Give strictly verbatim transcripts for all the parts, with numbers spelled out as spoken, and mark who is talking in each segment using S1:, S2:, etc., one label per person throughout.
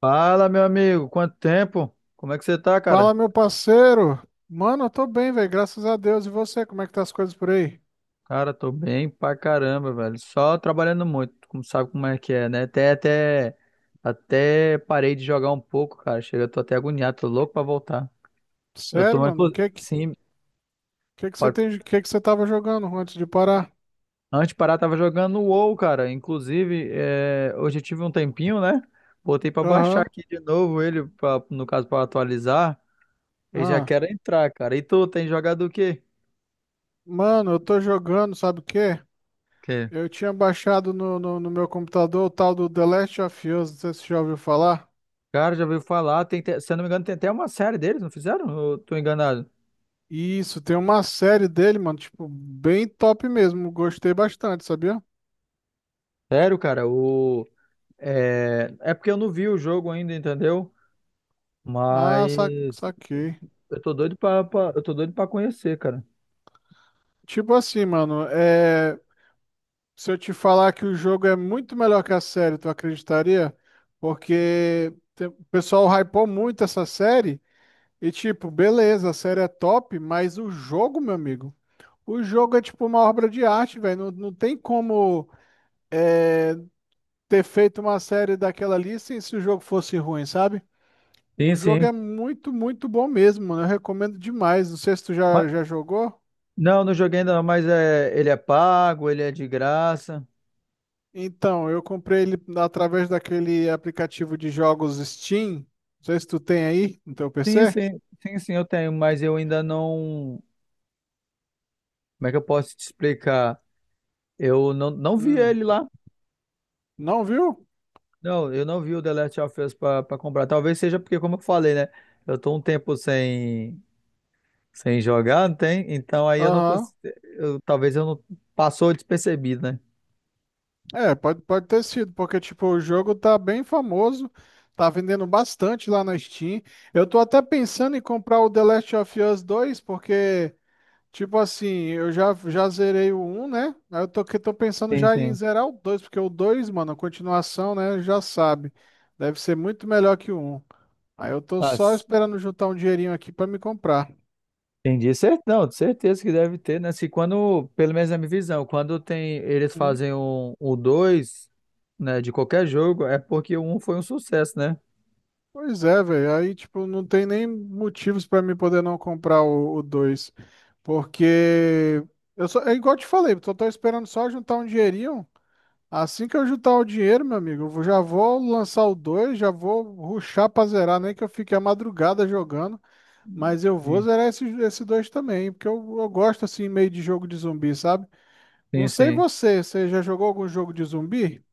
S1: Fala, meu amigo, quanto tempo? Como é que você tá, cara?
S2: Fala, meu parceiro. Mano, eu tô bem, velho, graças a Deus. E você, como é que tá as coisas por aí?
S1: Cara, tô bem pra caramba, velho. Só trabalhando muito, como sabe como é que é, né? Até, até, até parei de jogar um pouco, cara. Chega, eu tô até agoniado, tô louco pra voltar. Eu
S2: Sério,
S1: tô,
S2: mano? O
S1: inclu-
S2: que que,
S1: sim,
S2: que que você
S1: pode-
S2: tem, o que que você tava jogando antes de parar?
S1: antes de parar, tava jogando o WoW, cara. Inclusive, é, hoje eu tive um tempinho, né? Botei pra baixar
S2: Aham.
S1: aqui de novo ele, pra, no caso, pra atualizar. E já
S2: Ah.
S1: quero entrar, cara. E tu, tem jogado o quê?
S2: Mano, eu tô jogando, sabe o quê? Eu tinha baixado no, no, no meu computador o tal do The Last of Us, não sei se você já ouviu falar.
S1: Cara, já ouviu falar, tem, até- se eu não me engano, tem até uma série deles, não fizeram? Eu tô enganado.
S2: Isso, tem uma série dele, mano, tipo, bem top mesmo. Gostei bastante, sabia?
S1: Sério, cara, o... É, é porque eu não vi o jogo ainda, entendeu?
S2: Ah, sa
S1: Mas
S2: saquei.
S1: eu tô doido pra, pra- eu tô doido pra conhecer, cara.
S2: Tipo assim, mano, é. Se eu te falar que o jogo é muito melhor que a série, tu acreditaria? Porque te- o pessoal hypou muito essa série e, tipo, beleza, a série é top, mas o jogo, meu amigo, o jogo é tipo uma obra de arte, velho. Não, não tem como é, ter feito uma série daquela ali sem se o jogo fosse ruim, sabe? O
S1: Sim,
S2: jogo
S1: sim.
S2: é muito, muito bom mesmo, mano. Eu recomendo demais. Não sei se tu
S1: Ma-
S2: já, já jogou.
S1: não, não joguei ainda não, mas é, ele é pago, ele é de graça.
S2: Então, eu comprei ele através daquele aplicativo de jogos Steam. Não sei se tu tem aí no teu
S1: Sim,
S2: P C.
S1: sim, sim, sim, eu tenho, mas eu ainda não. Como é que eu posso te explicar? Eu não, não vi
S2: Hum,
S1: ele lá.
S2: não viu?
S1: Não, eu não vi o The Last of Us pra, pra comprar. Talvez seja porque, como eu falei, né? Eu tô um tempo sem, sem jogar, não tem? Então aí eu não
S2: Aham.
S1: consigo. Eu, talvez eu não. Passou despercebido, né?
S2: É, pode, pode ter sido, porque tipo, o jogo tá bem famoso, tá vendendo bastante lá na Steam. Eu tô até pensando em comprar o The Last of Us dois, porque, tipo assim, eu já, já zerei o um, né? Aí eu tô, que tô pensando
S1: Sim,
S2: já em
S1: sim.
S2: zerar o dois, porque o dois mano, a continuação, né? Já sabe. Deve ser muito melhor que o um. Aí eu tô
S1: Ah,
S2: só
S1: s-
S2: esperando juntar um dinheirinho aqui pra me comprar.
S1: entendi. Cer- Não, de certeza que deve ter, né? Se quando, pelo menos na minha visão, quando tem, eles
S2: Hum?
S1: fazem um, o dois, né, de qualquer jogo, é porque o um foi um sucesso, né?
S2: Pois é, velho. Aí, tipo, não tem nem motivos pra me poder não comprar o dois, porque eu só, é igual eu te falei, tô, tô esperando só juntar um dinheirinho. Assim que eu juntar o dinheiro, meu amigo, eu vou- já vou lançar o dois, já vou rushar pra zerar, nem que eu fique a madrugada jogando. Mas eu vou zerar esse, esse dois também, porque eu, eu gosto assim meio de jogo de zumbi, sabe? Não
S1: Sim,
S2: sei
S1: sim.
S2: você, você já jogou algum jogo de zumbi?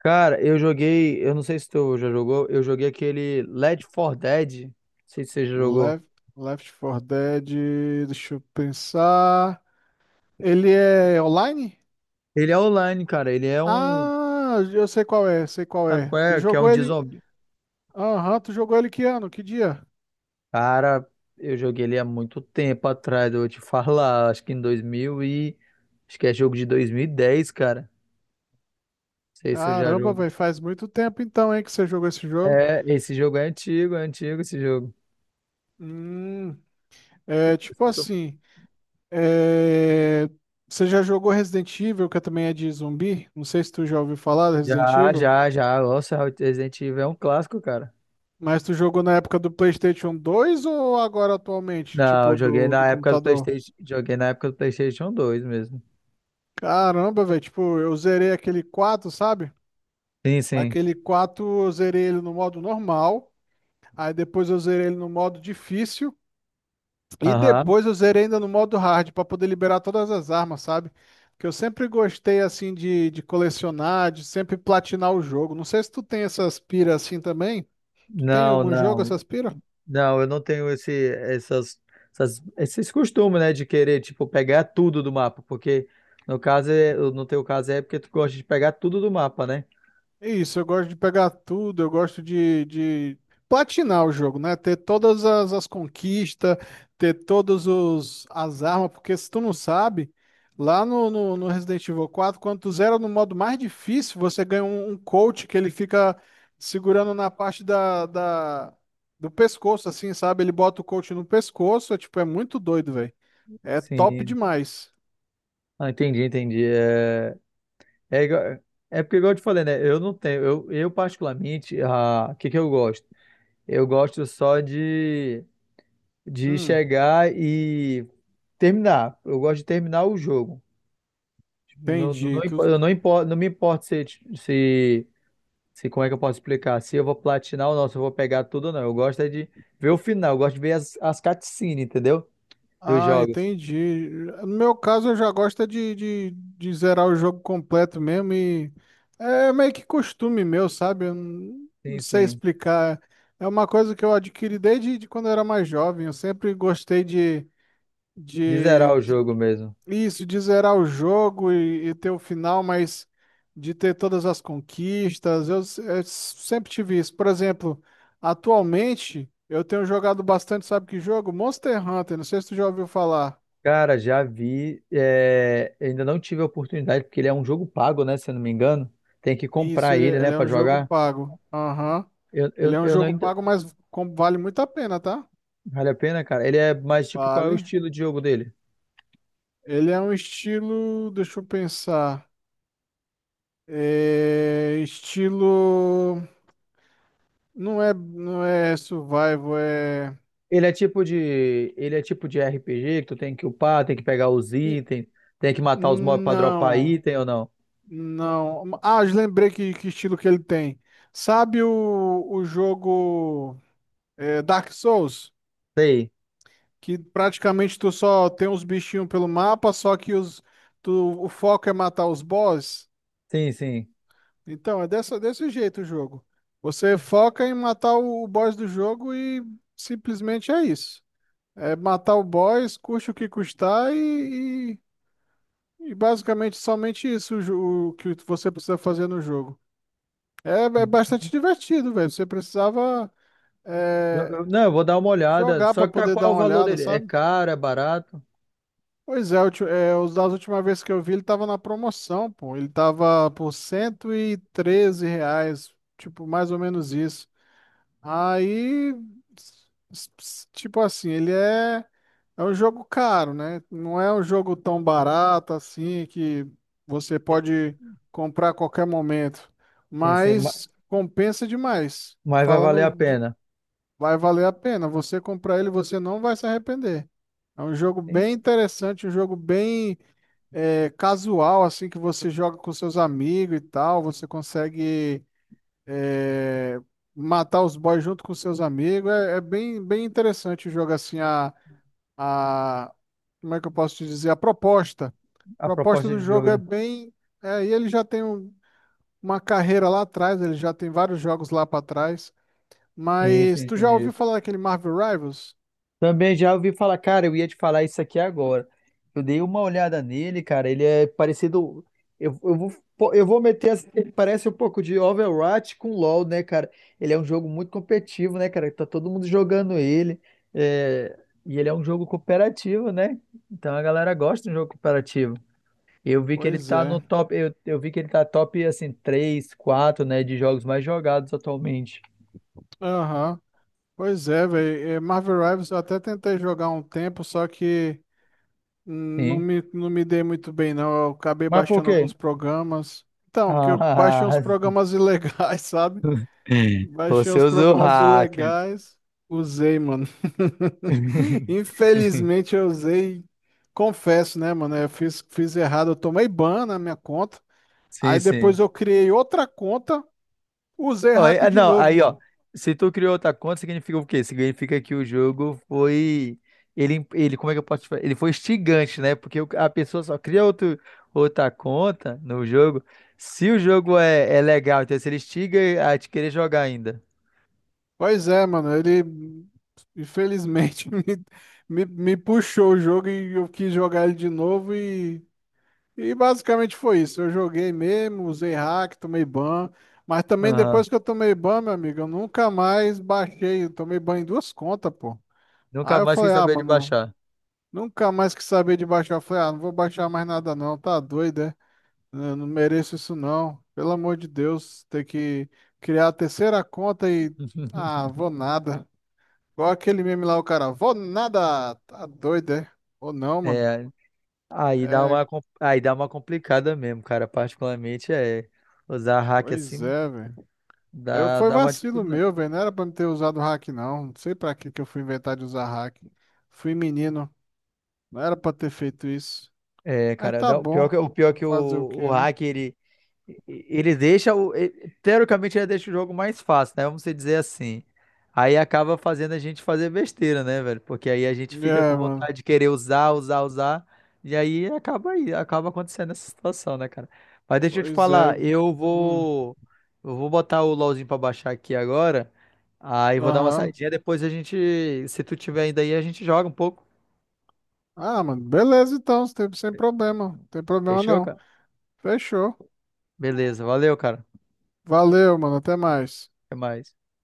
S1: Cara, eu joguei, eu não sei se tu já jogou, eu joguei aquele Left four Dead, não sei se você já jogou.
S2: Left, Left quatro Dead, deixa eu pensar. Ele é online?
S1: Ele é online, cara, ele é um,
S2: Ah, eu sei qual é, sei qual
S1: sabe
S2: é.
S1: qual
S2: Tu
S1: é? Que é um
S2: jogou
S1: de
S2: ele?
S1: zumbi.
S2: Aham, tu jogou ele que ano? Que dia?
S1: Cara, eu joguei ele há muito tempo atrás, eu vou te falar, acho que em dois mil e, acho que é jogo de dois mil e dez cara. Não sei se eu já
S2: Caramba,
S1: jogo.
S2: velho, faz muito tempo então, hein, que você jogou esse jogo.
S1: É, esse jogo é antigo, é antigo esse jogo.
S2: Hum, é tipo assim, é, você já jogou Resident Evil, que também é de zumbi? Não sei se tu já ouviu falar do Resident
S1: Já,
S2: Evil,
S1: já, já, nossa, Resident Evil é um clássico, cara.
S2: mas tu jogou na época do PlayStation dois ou agora atualmente,
S1: Não, eu
S2: tipo
S1: joguei
S2: do, do
S1: na época do
S2: computador?
S1: PlayStation, joguei na época do PlayStation dois mesmo.
S2: Caramba, velho, tipo, eu zerei aquele quatro, sabe?
S1: Sim, sim.
S2: Aquele quatro eu zerei ele no modo normal, aí depois eu zerei ele no modo difícil e
S1: Aham.
S2: depois eu zerei ainda no modo hard pra poder liberar todas as armas, sabe? Que eu sempre gostei assim de, de colecionar, de sempre platinar o jogo. Não sei se tu tem essas piras assim também. Tu tem
S1: Não,
S2: algum jogo
S1: não.
S2: essas piras?
S1: Não, eu não tenho esse, essas, essas- esses costumes, né, de querer, tipo, pegar tudo do mapa, porque no caso, é- no teu caso é porque tu gosta de pegar tudo do mapa, né?
S2: É isso, eu gosto de pegar tudo, eu gosto de, de platinar o jogo, né? Ter todas as, as conquistas, ter todas os, as armas, porque se tu não sabe, lá no, no, no Resident Evil quatro, quando tu zera no modo mais difícil, você ganha um, um coach que ele fica segurando na parte da, da, do pescoço, assim, sabe? Ele bota o coach no pescoço, é, tipo, é muito doido, velho. É top
S1: Sim.
S2: demais.
S1: Ah, entendi, entendi. É, é, igual- é porque, igual eu te falei, né, eu não tenho, eu, eu particularmente, ah, o que que eu gosto? Eu gosto só de de
S2: Hum,
S1: chegar e terminar. Eu gosto de terminar o jogo. Tipo, Não, não,
S2: entendi.
S1: não,
S2: Tu,
S1: impo- eu não, importo, não me importa se, se, se, como é que eu posso explicar? Se eu vou platinar ou não, se eu vou pegar tudo ou não. Eu gosto é de ver o final, eu gosto de ver as, as cutscenes, entendeu? Dos
S2: Ah,
S1: jogos.
S2: entendi. No meu caso, eu já gosto é de, de, de zerar o jogo completo mesmo e é meio que costume meu, sabe? Eu não, não
S1: Sim,
S2: sei
S1: sim.
S2: explicar. É uma coisa que eu adquiri desde de quando eu era mais jovem. Eu sempre gostei de,
S1: De
S2: de,
S1: zerar o
S2: de-
S1: jogo mesmo.
S2: isso, de zerar o jogo e, e ter o final, mas de ter todas as conquistas. Eu, s- eu sempre tive isso. Por exemplo, atualmente eu tenho jogado bastante, sabe que jogo? Monster Hunter, não sei se tu já ouviu falar.
S1: Cara, já vi. É, ainda não tive a oportunidade, porque ele é um jogo pago, né? Se eu não me engano. Tem que
S2: Isso,
S1: comprar
S2: ele,
S1: ele, né,
S2: ele é
S1: pra
S2: um jogo
S1: jogar.
S2: pago. Aham.
S1: Eu,
S2: Ele
S1: eu,
S2: é um
S1: eu não
S2: jogo
S1: ainda.
S2: pago, mas com- vale muito a pena, tá?
S1: Vale a pena, cara? Ele é mais tipo, qual é o
S2: Vale.
S1: estilo de jogo dele?
S2: Ele é um estilo. Deixa eu pensar. É estilo. Não é, não é survival, é.
S1: Ele é tipo de, ele é tipo de R P G que tu tem que upar, tem que pegar os
S2: e-
S1: itens, tem que matar os mobs pra dropar
S2: Não,
S1: item ou não?
S2: não. Ah, eu lembrei que, que estilo que ele tem. Sabe o, o jogo é, Dark Souls?
S1: Sei.
S2: Que praticamente tu só tem uns bichinhos pelo mapa, só que os, tu, o foco é matar os boss.
S1: Sim, sim.
S2: Então, é dessa, desse jeito o jogo. Você foca em matar o, o boss do jogo e simplesmente é isso. É matar o boss, custe o que custar e, e, e basicamente somente isso o, jo- o que você precisa fazer no jogo. É, é bastante divertido, velho. Você precisava
S1: Jo-
S2: é,
S1: eu- Não, eu vou dar uma olhada.
S2: jogar
S1: Só
S2: para
S1: que tá
S2: poder dar
S1: qual o
S2: uma
S1: valor
S2: olhada,
S1: dele? É
S2: sabe?
S1: caro, é barato?
S2: Pois é, ulti- é, os das última vez que eu vi, ele tava na promoção, pô. Ele tava por cento e treze reais, tipo, mais ou menos isso. Aí, s- s- tipo assim, ele é, é um jogo caro, né? Não é um jogo tão barato assim que você pode comprar a qualquer momento.
S1: Sim, sim, ma-
S2: Mas compensa demais.
S1: mas vai valer
S2: Falando
S1: a
S2: de,
S1: pena.
S2: vai valer a pena. Você comprar ele, você não vai se arrepender. É um jogo bem
S1: Sim,
S2: interessante, um jogo bem é, casual, assim, que você joga com seus amigos e tal, você consegue é, matar os boys junto com seus amigos. É, é bem, bem interessante o jogo, assim, a, a, como é que eu posso te dizer? A proposta. A
S1: A
S2: proposta
S1: proposta
S2: do
S1: de
S2: jogo
S1: jogo,
S2: é
S1: né?
S2: bem. É, e ele já tem um- uma carreira lá atrás, ele já tem vários jogos lá para trás.
S1: Sim, sim,
S2: Mas tu já ouviu
S1: entendi.
S2: falar daquele Marvel Rivals?
S1: Também já ouvi falar, cara, eu ia te falar isso aqui agora. Eu dei uma olhada nele, cara, ele é parecido. Eu, eu vou, pô, eu vou meter. Assim, Ele parece um pouco de Overwatch com LoL, né, cara? Ele é um jogo muito competitivo, né, cara? Tá todo mundo jogando ele. é, E ele é um jogo cooperativo, né? Então a galera gosta de um jogo cooperativo. Eu vi que ele
S2: Pois
S1: tá no
S2: é.
S1: top. Eu, eu vi que ele tá top, assim, três quatro né, de jogos mais jogados atualmente.
S2: Aham. Pois é, velho. Marvel Rivals eu até tentei jogar um tempo, só que. Não
S1: Sim.
S2: me, não me dei muito bem, não. Eu acabei
S1: Mas por
S2: baixando
S1: quê?
S2: alguns programas. Então, porque eu baixei uns
S1: Ah,
S2: programas ilegais, sabe? Baixei
S1: Você
S2: uns
S1: usou o
S2: programas
S1: hack.
S2: ilegais, usei, mano. Infelizmente eu usei, confesso, né, mano? Eu fiz, fiz errado, eu tomei ban na minha conta. Aí
S1: Sim,
S2: depois
S1: sim.
S2: eu criei outra conta, usei
S1: Ó, e-
S2: hack
S1: ah,
S2: de
S1: não,
S2: novo,
S1: aí, ó.
S2: mano.
S1: Se tu criou outra conta, significa o quê? Significa que o jogo foi. Ele, ele, como é que eu posso te falar? Ele foi instigante, né? Porque o- a pessoa só cria outro, outra conta no jogo se o jogo é, é legal. Então, se ele instiga a te querer jogar ainda.
S2: Pois é, mano, ele infelizmente me, me, me puxou o jogo e eu quis jogar ele de novo e, e basicamente foi isso. Eu joguei mesmo, usei hack, tomei ban, mas também
S1: Aham.
S2: depois que eu tomei ban, meu amigo, eu nunca mais baixei, eu tomei ban em duas contas, pô.
S1: Nunca
S2: Aí eu
S1: mais quis
S2: falei, ah,
S1: saber de
S2: mano,
S1: baixar.
S2: nunca mais quis saber de baixar. Eu falei, ah, não vou baixar mais nada não, tá doido, é? Eu não mereço isso não. Pelo amor de Deus, ter que criar a terceira conta e, ah, vou nada. Igual aquele meme lá, o cara, vou nada, tá doido, é? Ou não, mano?
S1: É, Aí dá
S2: É,
S1: uma, com- aí dá uma complicada mesmo, cara. Particularmente é usar hack
S2: pois
S1: assim
S2: é, velho. Eu,
S1: dá,
S2: foi
S1: dá uma
S2: vacilo
S1: dificuldade. Né?
S2: meu, velho, não era pra me ter usado hack, não. Não sei pra que que eu fui inventar de usar hack. Fui menino, não era pra ter feito isso.
S1: É,
S2: Mas
S1: cara,
S2: tá
S1: dá, o pior
S2: bom,
S1: que, o pior que o,
S2: fazer o
S1: o
S2: quê, né?
S1: hack ele, Ele deixa o. ele- teoricamente, ele deixa o jogo mais fácil, né? Vamos dizer assim. Aí acaba fazendo a gente fazer besteira, né, velho? Porque aí a gente fica
S2: É,
S1: com
S2: mano,
S1: vontade de querer usar, usar, usar. E aí acaba aí, acaba acontecendo essa situação, né, cara? Mas deixa eu te
S2: pois é.
S1: falar, eu
S2: Hum,
S1: vou. Eu vou botar o LOLzinho pra baixar aqui agora. Aí vou dar uma
S2: aham.
S1: saidinha. Depois a gente. Se tu tiver ainda aí, a gente joga um pouco.
S2: Ah, mano, beleza então, sem sem problema, não tem problema
S1: Fechou,
S2: não.
S1: cara?
S2: Fechou.
S1: Beleza, valeu, cara.
S2: Valeu, mano, até mais.
S1: Até mais.